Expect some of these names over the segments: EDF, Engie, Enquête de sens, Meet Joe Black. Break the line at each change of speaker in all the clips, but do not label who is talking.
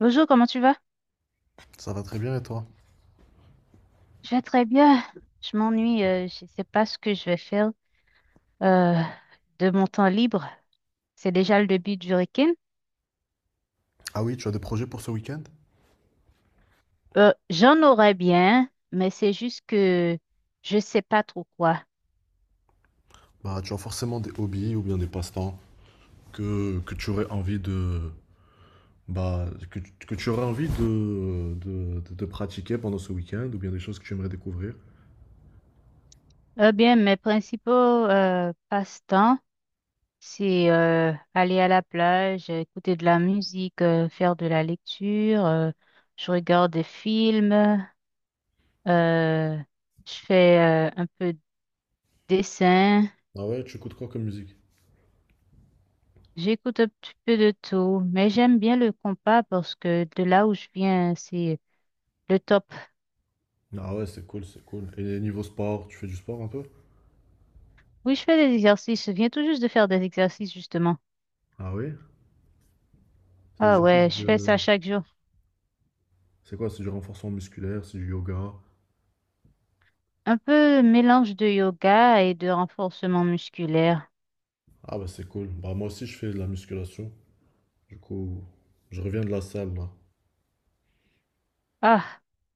Bonjour, comment tu vas?
Ça va très bien et toi?
Je vais très bien. Je m'ennuie, je ne sais pas ce que je vais faire euh, de mon temps libre. C'est déjà le début du week-end.
Ah oui, tu as des projets pour ce week-end?
J'en aurais bien, mais c'est juste que je ne sais pas trop quoi.
Bah, tu as forcément des hobbies ou bien des passe-temps que tu aurais envie de bah que tu aurais envie de pratiquer pendant ce week-end ou bien des choses que tu aimerais découvrir.
Eh bien, mes principaux passe-temps, c'est aller à la plage, écouter de la musique, faire de la lecture, je regarde des films, euh, je fais un peu de dessin.
Ah ouais, tu écoutes quoi comme musique?
J'écoute un petit peu de tout, mais j'aime bien le compas parce que de là où je viens, c'est le top.
Ah ouais, c'est cool, c'est cool. Et niveau sport, tu fais du sport un peu?
Oui, je fais des exercices. Je viens tout juste de faire des exercices, justement.
Ah oui? C'est des
Ah ouais,
exercices
je fais
de...
ça chaque jour.
C'est quoi? C'est du renforcement musculaire, c'est du yoga.
Un peu mélange de yoga et de renforcement musculaire.
Ah bah c'est cool. Bah moi aussi je fais de la musculation. Du coup, je reviens de la salle là.
Ah,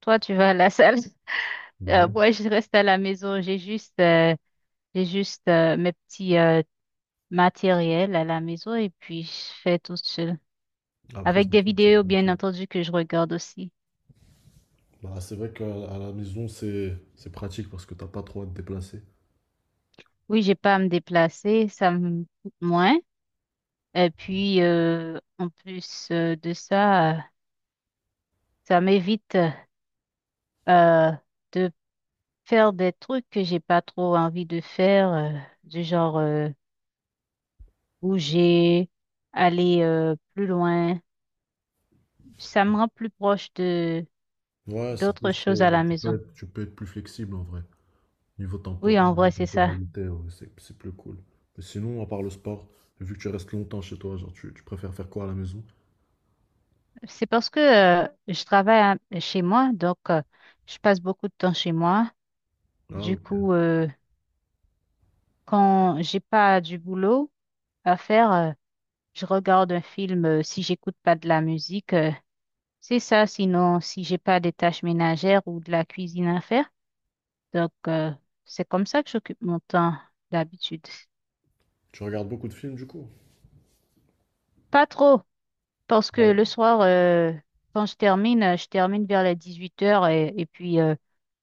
toi, tu vas à la salle.
Bah oui.
Moi, je reste à la maison. J'ai juste mes petits matériels à la maison et puis je fais tout seul.
Après,
Avec
c'est
des
sûr que c'est
vidéos, bien
pratique.
entendu, que je regarde aussi.
Bah, c'est vrai qu'à à la maison, c'est pratique parce que t'as pas trop à te déplacer.
Oui, j'ai pas à me déplacer, ça me coûte moins. Et puis, en plus de ça, ça m'évite euh, de faire des trucs que j'ai pas trop envie de faire, du genre bouger, aller plus loin. Ça me rend plus proche de
Ouais, c'est
d'autres
plus,
choses à la maison.
tu peux être plus flexible en vrai. Niveau
Oui,
tempor-
en
niveau
vrai, c'est ça.
temporalité, ouais, c'est plus cool. Mais sinon, à part le sport, vu que tu restes longtemps chez toi, genre, tu préfères faire quoi à la maison?
C'est parce que chez moi, donc je passe beaucoup de temps chez moi.
Ah,
Du
ok.
coup, quand j'ai pas du boulot à faire. Je regarde un film si j'écoute pas de la musique. C'est ça, sinon si j'ai pas des tâches ménagères ou de la cuisine à faire. Donc c'est comme ça que j'occupe mon temps d'habitude.
Tu regardes beaucoup de films du coup?
Pas trop, parce que
Ah ouais?
le soir, quand je termine vers les 8 heures et puis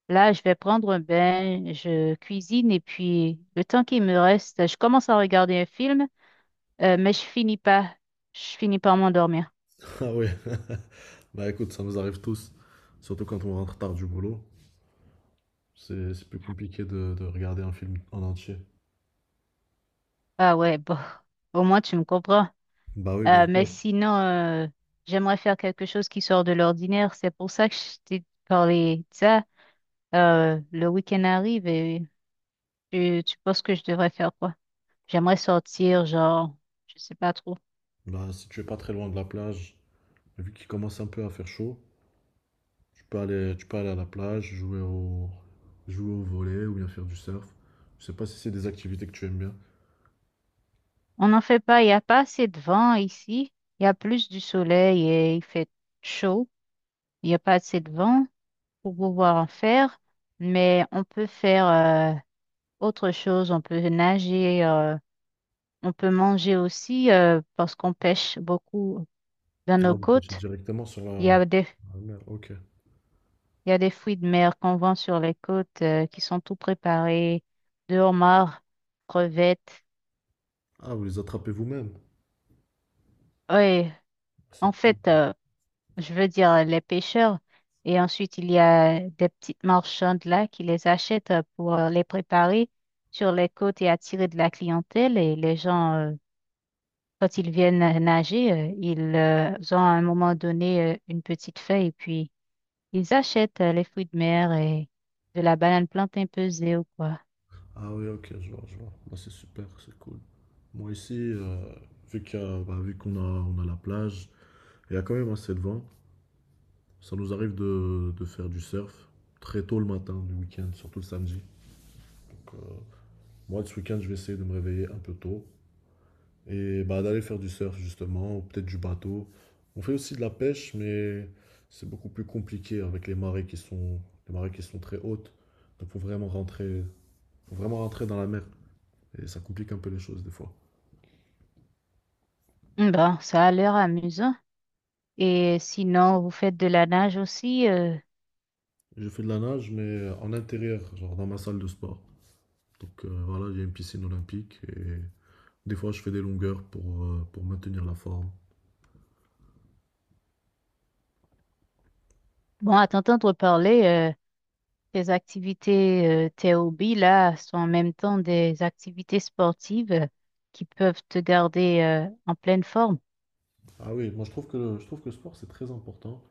là, je vais prendre un bain, je cuisine et puis le temps qui me reste, je commence à regarder un film, mais je finis pas, je finis par m'endormir.
Ah ouais. Bah écoute, ça nous arrive tous. Surtout quand on rentre tard du boulot. C'est plus compliqué de regarder un film en entier.
Ah ouais, bon. Au moins, tu me comprends.
Bah oui, bien
Mais
sûr.
sinon, j'aimerais faire quelque chose qui sort de l'ordinaire. C'est pour ça que je t'ai parlé de ça. Le week-end arrive et tu penses que je devrais faire quoi? J'aimerais sortir, genre, je sais pas trop.
Bah, si tu es pas très loin de la plage, vu qu'il commence un peu à faire chaud, tu peux aller à la plage, jouer au volley ou bien faire du surf. Je sais pas si c'est des activités que tu aimes bien.
On n'en fait pas, il n'y a pas assez de vent ici. Il y a plus du soleil et il fait chaud. Il n'y a pas assez de vent pour pouvoir en faire. Mais on peut faire autre chose. On peut nager, on peut manger aussi parce qu'on pêche beaucoup. Dans
Ah,
nos
vous pêchez
côtes,
directement sur
il y
la,
a des,
la mer, ok.
il y a des fruits de mer qu'on vend sur les côtes qui sont tout préparés, de homards, crevettes.
Ah, vous les attrapez vous-même.
Oui, en
C'est cool.
fait, je veux dire les pêcheurs. Et ensuite, il y a des petites marchandes là qui les achètent pour les préparer sur les côtes et attirer de la clientèle. Et les gens, quand ils viennent nager, ils ont à un moment donné une petite feuille et puis ils achètent les fruits de mer et de la banane plantain pesée ou quoi.
Ah oui, ok, je vois, je vois. Bah, c'est super, c'est cool. Moi ici, vu qu'il y a- bah, vu qu'on a la plage, il y a quand même assez de vent. Ça nous arrive de faire du surf très tôt le matin du week-end, surtout le samedi. euh, Moi, ce week-end, je vais essayer de me réveiller un peu tôt et bah, d'aller faire du surf, justement, ou peut-être du bateau. On fait aussi de la pêche, mais c'est beaucoup plus compliqué avec les marées qui sont très hautes. Donc, faut vraiment rentrer dans la mer et ça complique un peu les choses des fois.
Hmm, bon, ça a l'air amusant. Et sinon, vous faites de la nage aussi.
Je fais de la nage, mais en intérieur, genre dans ma salle de sport. Donc, voilà, il y a une piscine olympique et des fois, je fais des longueurs pour maintenir la forme.
Bon, à t'entendre parler, tes activités, tes hobbies, là, sont en même temps des activités sportives qui peuvent te garder, en pleine forme.
Ah oui, moi, je trouve que le sport, c'est très important.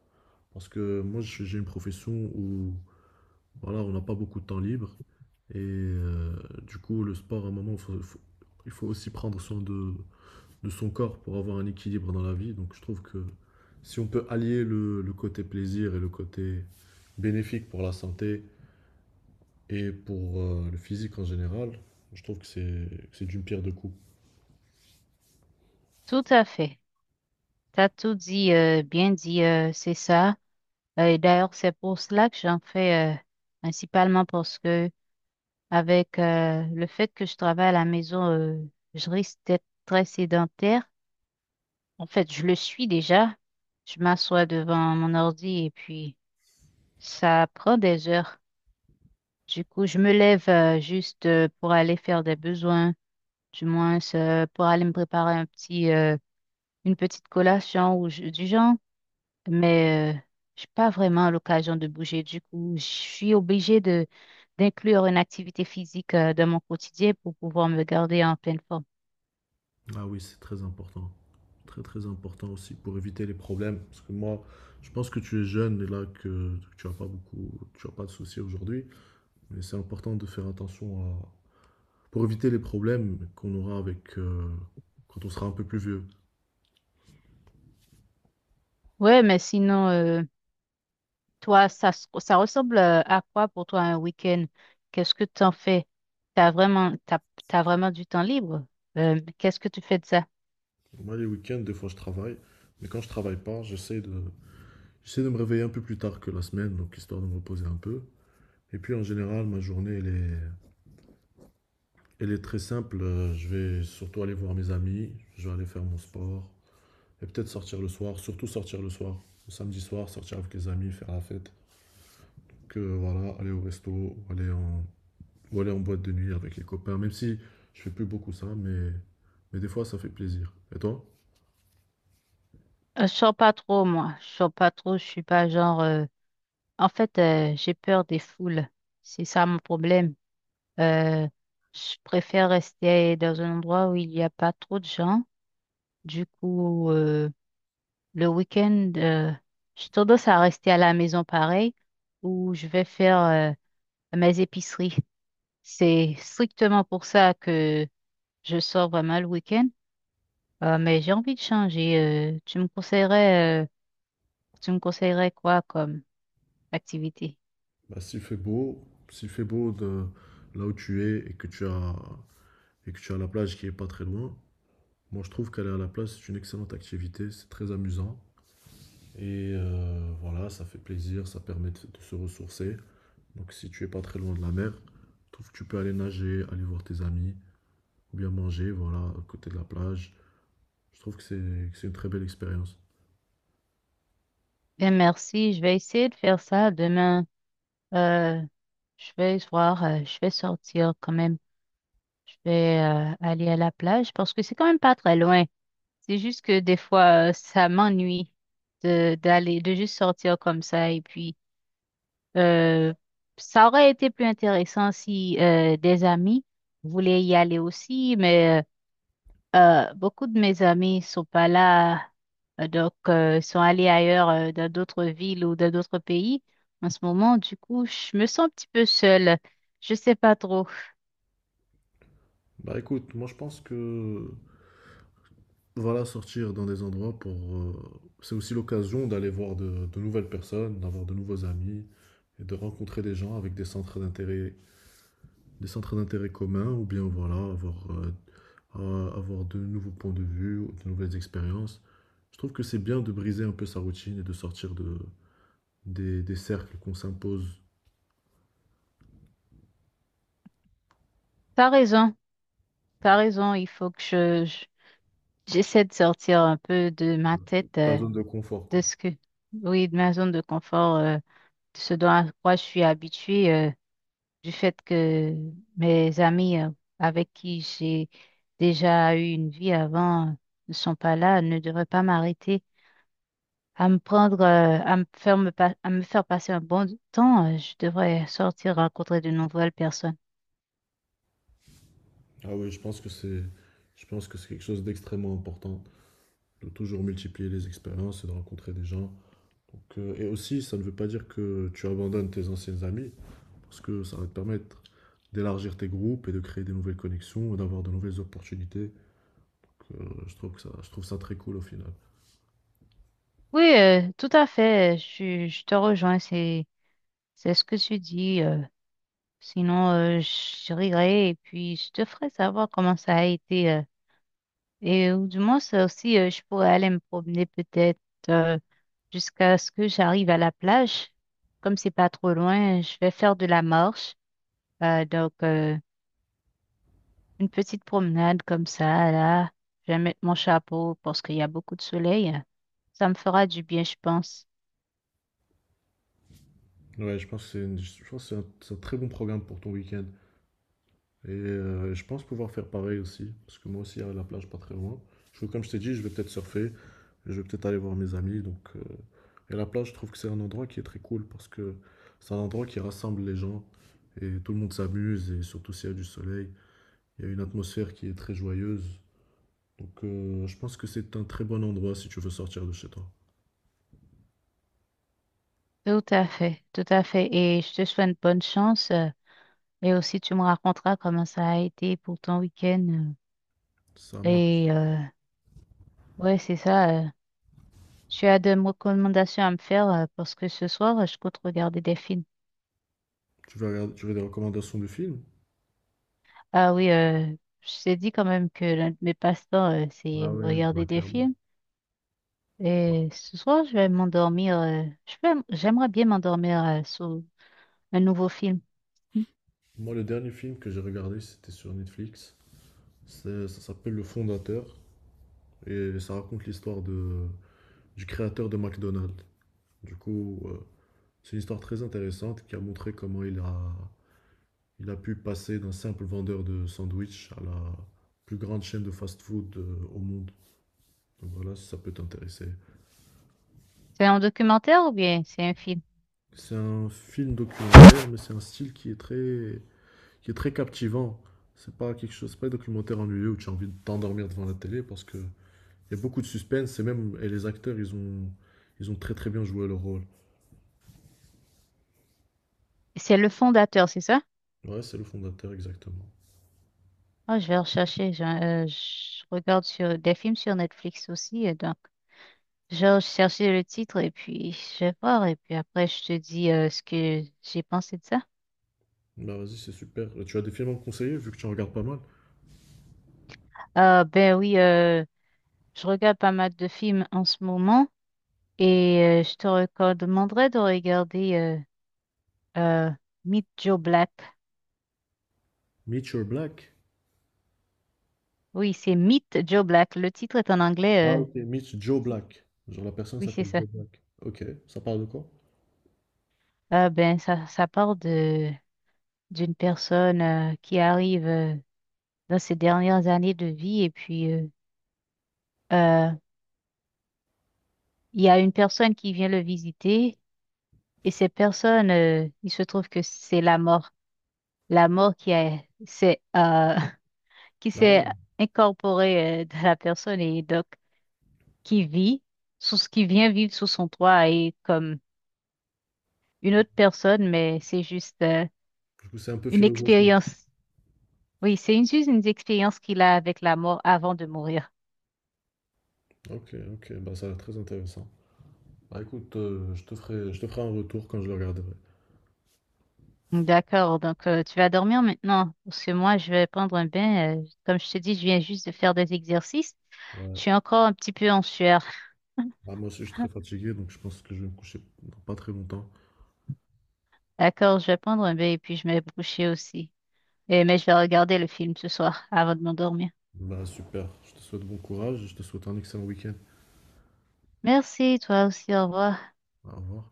Parce que moi, j'ai une profession où voilà, on n'a pas beaucoup de temps libre. Et du coup, le sport, à un moment, il faut aussi prendre soin de son corps pour avoir un équilibre dans la vie. Donc, je trouve que si on peut allier le côté plaisir et le côté bénéfique pour la santé et pour le physique en général, je trouve que c'est d'une pierre deux coups.
Tout à fait. T'as tout dit, bien dit, c'est ça. Et d'ailleurs, c'est pour cela que j'en fais, principalement parce que avec le fait que je travaille à la maison, je risque d'être très sédentaire. En fait, je le suis déjà. Je m'assois devant mon ordi et puis ça prend des heures. Du coup, je me lève juste pour aller faire des besoins, du moins pour aller me préparer un petit, une petite collation ou du genre. Mais j'ai pas vraiment l'occasion de bouger. Du coup, je suis obligée de d'inclure une activité physique dans mon quotidien pour pouvoir me garder en pleine forme.
Ah oui, c'est très important. Très très important aussi pour éviter les problèmes. Parce que moi, je pense que tu es jeune et là que, tu n'as pas beaucoup, tu as pas de soucis aujourd'hui. Mais c'est important de faire attention à, pour éviter les problèmes qu'on aura avec quand on sera un peu plus vieux.
Ouais, mais sinon, toi, ça, ça ressemble à quoi pour toi un week-end? Qu'est-ce que tu en fais? T'as vraiment, t'as, t'as vraiment du temps libre? Qu'est-ce que tu fais de ça?
Moi, les week-ends, des fois, je travaille. Mais quand je travaille pas, j'essaie de me réveiller un peu plus tard que la semaine, donc histoire de me reposer un peu. Et puis en général, ma journée, elle est très simple. Je vais surtout aller voir mes amis, je vais aller faire mon sport, et peut-être sortir le soir, surtout sortir le soir. Le samedi soir, sortir avec les amis, faire la fête. Que voilà, aller au resto ou aller en boîte de nuit avec les copains. Même si je fais plus beaucoup ça, mais des fois ça fait plaisir. Et toi?
Je sors pas trop, moi. Je sors pas trop. Je suis pas genre. En fait, j'ai peur des foules. C'est ça mon problème. Euh, je préfère rester dans un endroit où il n'y a pas trop de gens. Du coup, le week-end, j'ai tendance à rester à la maison pareil, où je vais faire. Mes épiceries. C'est strictement pour ça que je sors vraiment le week-end. Mais j'ai envie de changer. euh, tu me conseillerais, euh, Tu me conseillerais quoi comme activité?
Bah, s'il fait beau de là où tu es et que tu as la plage qui est pas très loin, moi je trouve qu'aller à la plage c'est une excellente activité, c'est très amusant. Et voilà, ça fait plaisir, ça permet de se ressourcer. Donc si tu es pas très loin de la mer, je trouve que tu peux aller nager, aller voir tes amis, ou bien manger, voilà, à côté de la plage. Je trouve que c'est une très belle expérience.
Bien, merci. Je vais essayer de faire ça demain. Euh, je vais voir, je vais sortir quand même. Je vais aller à la plage parce que c'est quand même pas très loin. C'est juste que des fois, ça m'ennuie de d'aller, de juste sortir comme ça. Et puis, euh, ça aurait été plus intéressant si des amis voulaient y aller aussi, mais beaucoup de mes amis sont pas là, donc sont allés ailleurs, dans d'autres villes ou dans d'autres pays. En ce moment, du coup, je me sens un petit peu seule. Je sais pas trop.
Bah écoute, moi je pense que voilà, sortir dans des endroits pour c'est aussi l'occasion d'aller voir de nouvelles personnes, d'avoir de nouveaux amis et de rencontrer des gens avec des centres d'intérêt communs, ou bien voilà, avoir avoir de nouveaux points de vue, ou de nouvelles expériences. Je trouve que c'est bien de briser un peu sa routine et de sortir de, des cercles qu'on s'impose,
T'as raison, t'as raison. Il faut que j'essaie de sortir un peu de ma tête.
ta zone de confort,
De
quoi.
ce que, oui, de ma zone de confort, de ce dont à quoi je suis habituée, du fait que mes amis avec qui j'ai déjà eu une vie avant ne sont pas là, ne devraient pas m'arrêter à me faire à me faire passer un bon temps. Je devrais sortir rencontrer de nouvelles personnes.
Ah oui, je pense que c'est quelque chose d'extrêmement important, de toujours multiplier les expériences et de rencontrer des gens. Donc, et aussi, ça ne veut pas dire que tu abandonnes tes anciennes amies, parce que ça va te permettre d'élargir tes groupes et de créer des nouvelles connexions et d'avoir de nouvelles opportunités. Donc, je trouve que ça, je trouve ça très cool au final.
Oui, tout à fait. Je te rejoins. C'est ce que tu dis. Sinon, je rirai et puis je te ferai savoir comment ça a été. Et ou du moins, ça aussi, je pourrais aller me promener peut-être euh, jusqu'à ce que j'arrive à la plage. Comme c'est pas trop loin, je vais faire de la marche. Donc, une petite promenade comme ça, là. Je vais mettre mon chapeau parce qu'il y a beaucoup de soleil. Ça me fera du bien, je pense.
Ouais, je pense que c'est un très bon programme pour ton week-end. Et je pense pouvoir faire pareil aussi, parce que moi aussi, il y a la plage pas très loin. Je, comme je t'ai dit, je vais peut-être surfer, je vais peut-être aller voir mes amis. Donc, et la plage, je trouve que c'est un endroit qui est très cool, parce que c'est un endroit qui rassemble les gens, et tout le monde s'amuse, et surtout s'il y a du soleil, il y a une atmosphère qui est très joyeuse. Donc je pense que c'est un très bon endroit si tu veux sortir de chez toi.
Tout à fait, tout à fait. Et je te souhaite bonne chance. Et aussi, tu me raconteras comment ça a été pour ton week-end.
Ça marche.
Et ouais, c'est ça. Tu as des recommandations à me faire parce que ce soir, je compte regarder des films.
Tu veux regarder, tu veux des recommandations de films?
Ah oui, je t'ai dit quand même que l'un de mes passe-temps,
Ah
c'est
oui, oui, bah,
regarder des
clairement.
films. Et ce soir, je vais m'endormir. J'aimerais bien m'endormir sur un nouveau film. Mm.
Moi, le dernier film que j'ai regardé, c'était sur Netflix. Ça s'appelle Le Fondateur et ça raconte l'histoire de, du créateur de McDonald's. Du coup, c'est une histoire très intéressante qui a montré comment il a pu passer d'un simple vendeur de sandwich à la plus grande chaîne de fast-food au monde. Donc voilà, si ça peut t'intéresser.
C'est un documentaire ou bien c'est un film?
C'est un film documentaire, mais c'est un style qui est très captivant. C'est pas un documentaire ennuyeux où tu as envie de t'endormir devant la télé parce que il y a beaucoup de suspense et même et les acteurs, ils ont très très bien joué leur rôle.
C'est Le Fondateur, c'est ça?
Ouais, c'est le fondateur, exactement.
Ah, je vais rechercher. Je regarde sur des films sur Netflix aussi, et donc, je vais rechercher le titre et puis je vais voir. Et puis après, je te dis ce que j'ai pensé de ça.
Bah vas-y, c'est super. Tu as des films à me conseiller, vu que tu en regardes pas mal.
Ah, ben oui, je regarde pas mal de films en ce moment et je te recommanderais de regarder euh, Meet Joe Black.
Meet Your Black.
Oui, c'est Meet Joe Black. Le titre est en
Ah,
anglais.
ok. Meet Joe Black. Genre la personne
Oui, c'est
s'appelle
ça.
Joe Black. Ok, ça parle de quoi?
Ah ben, ça parle de d'une personne qui arrive dans ses dernières années de vie et puis euh, il y a une personne qui vient le visiter et cette personne, il se trouve que c'est la mort, la mort qui a, c'est, euh, qui
Ah
s'est
ouais.
incorporée dans la personne et donc qui vit sous ce qui vient vivre sous son toit et comme une autre personne, mais c'est juste
Du coup, c'est un peu
une
philosophique.
expérience. Oui, c'est une, juste une expérience qu'il a avec la mort avant de mourir.
Ok, ok, bah ça a l'air très intéressant. Bah écoute, je te ferai un retour quand je le regarderai.
D'accord, donc tu vas dormir maintenant, parce que moi je vais prendre un bain. Comme je te dis, je viens juste de faire des exercices.
Ouais.
Je suis encore un petit peu en sueur.
Bah, moi aussi, je suis très fatigué, donc je pense que je vais me coucher dans pas très longtemps.
D'accord, je vais prendre un bain et puis je vais me coucher aussi. Et, mais je vais regarder le film ce soir avant de m'endormir.
Bah super, je te souhaite bon courage et je te souhaite un excellent week-end.
Merci, toi aussi, au revoir.
Au revoir.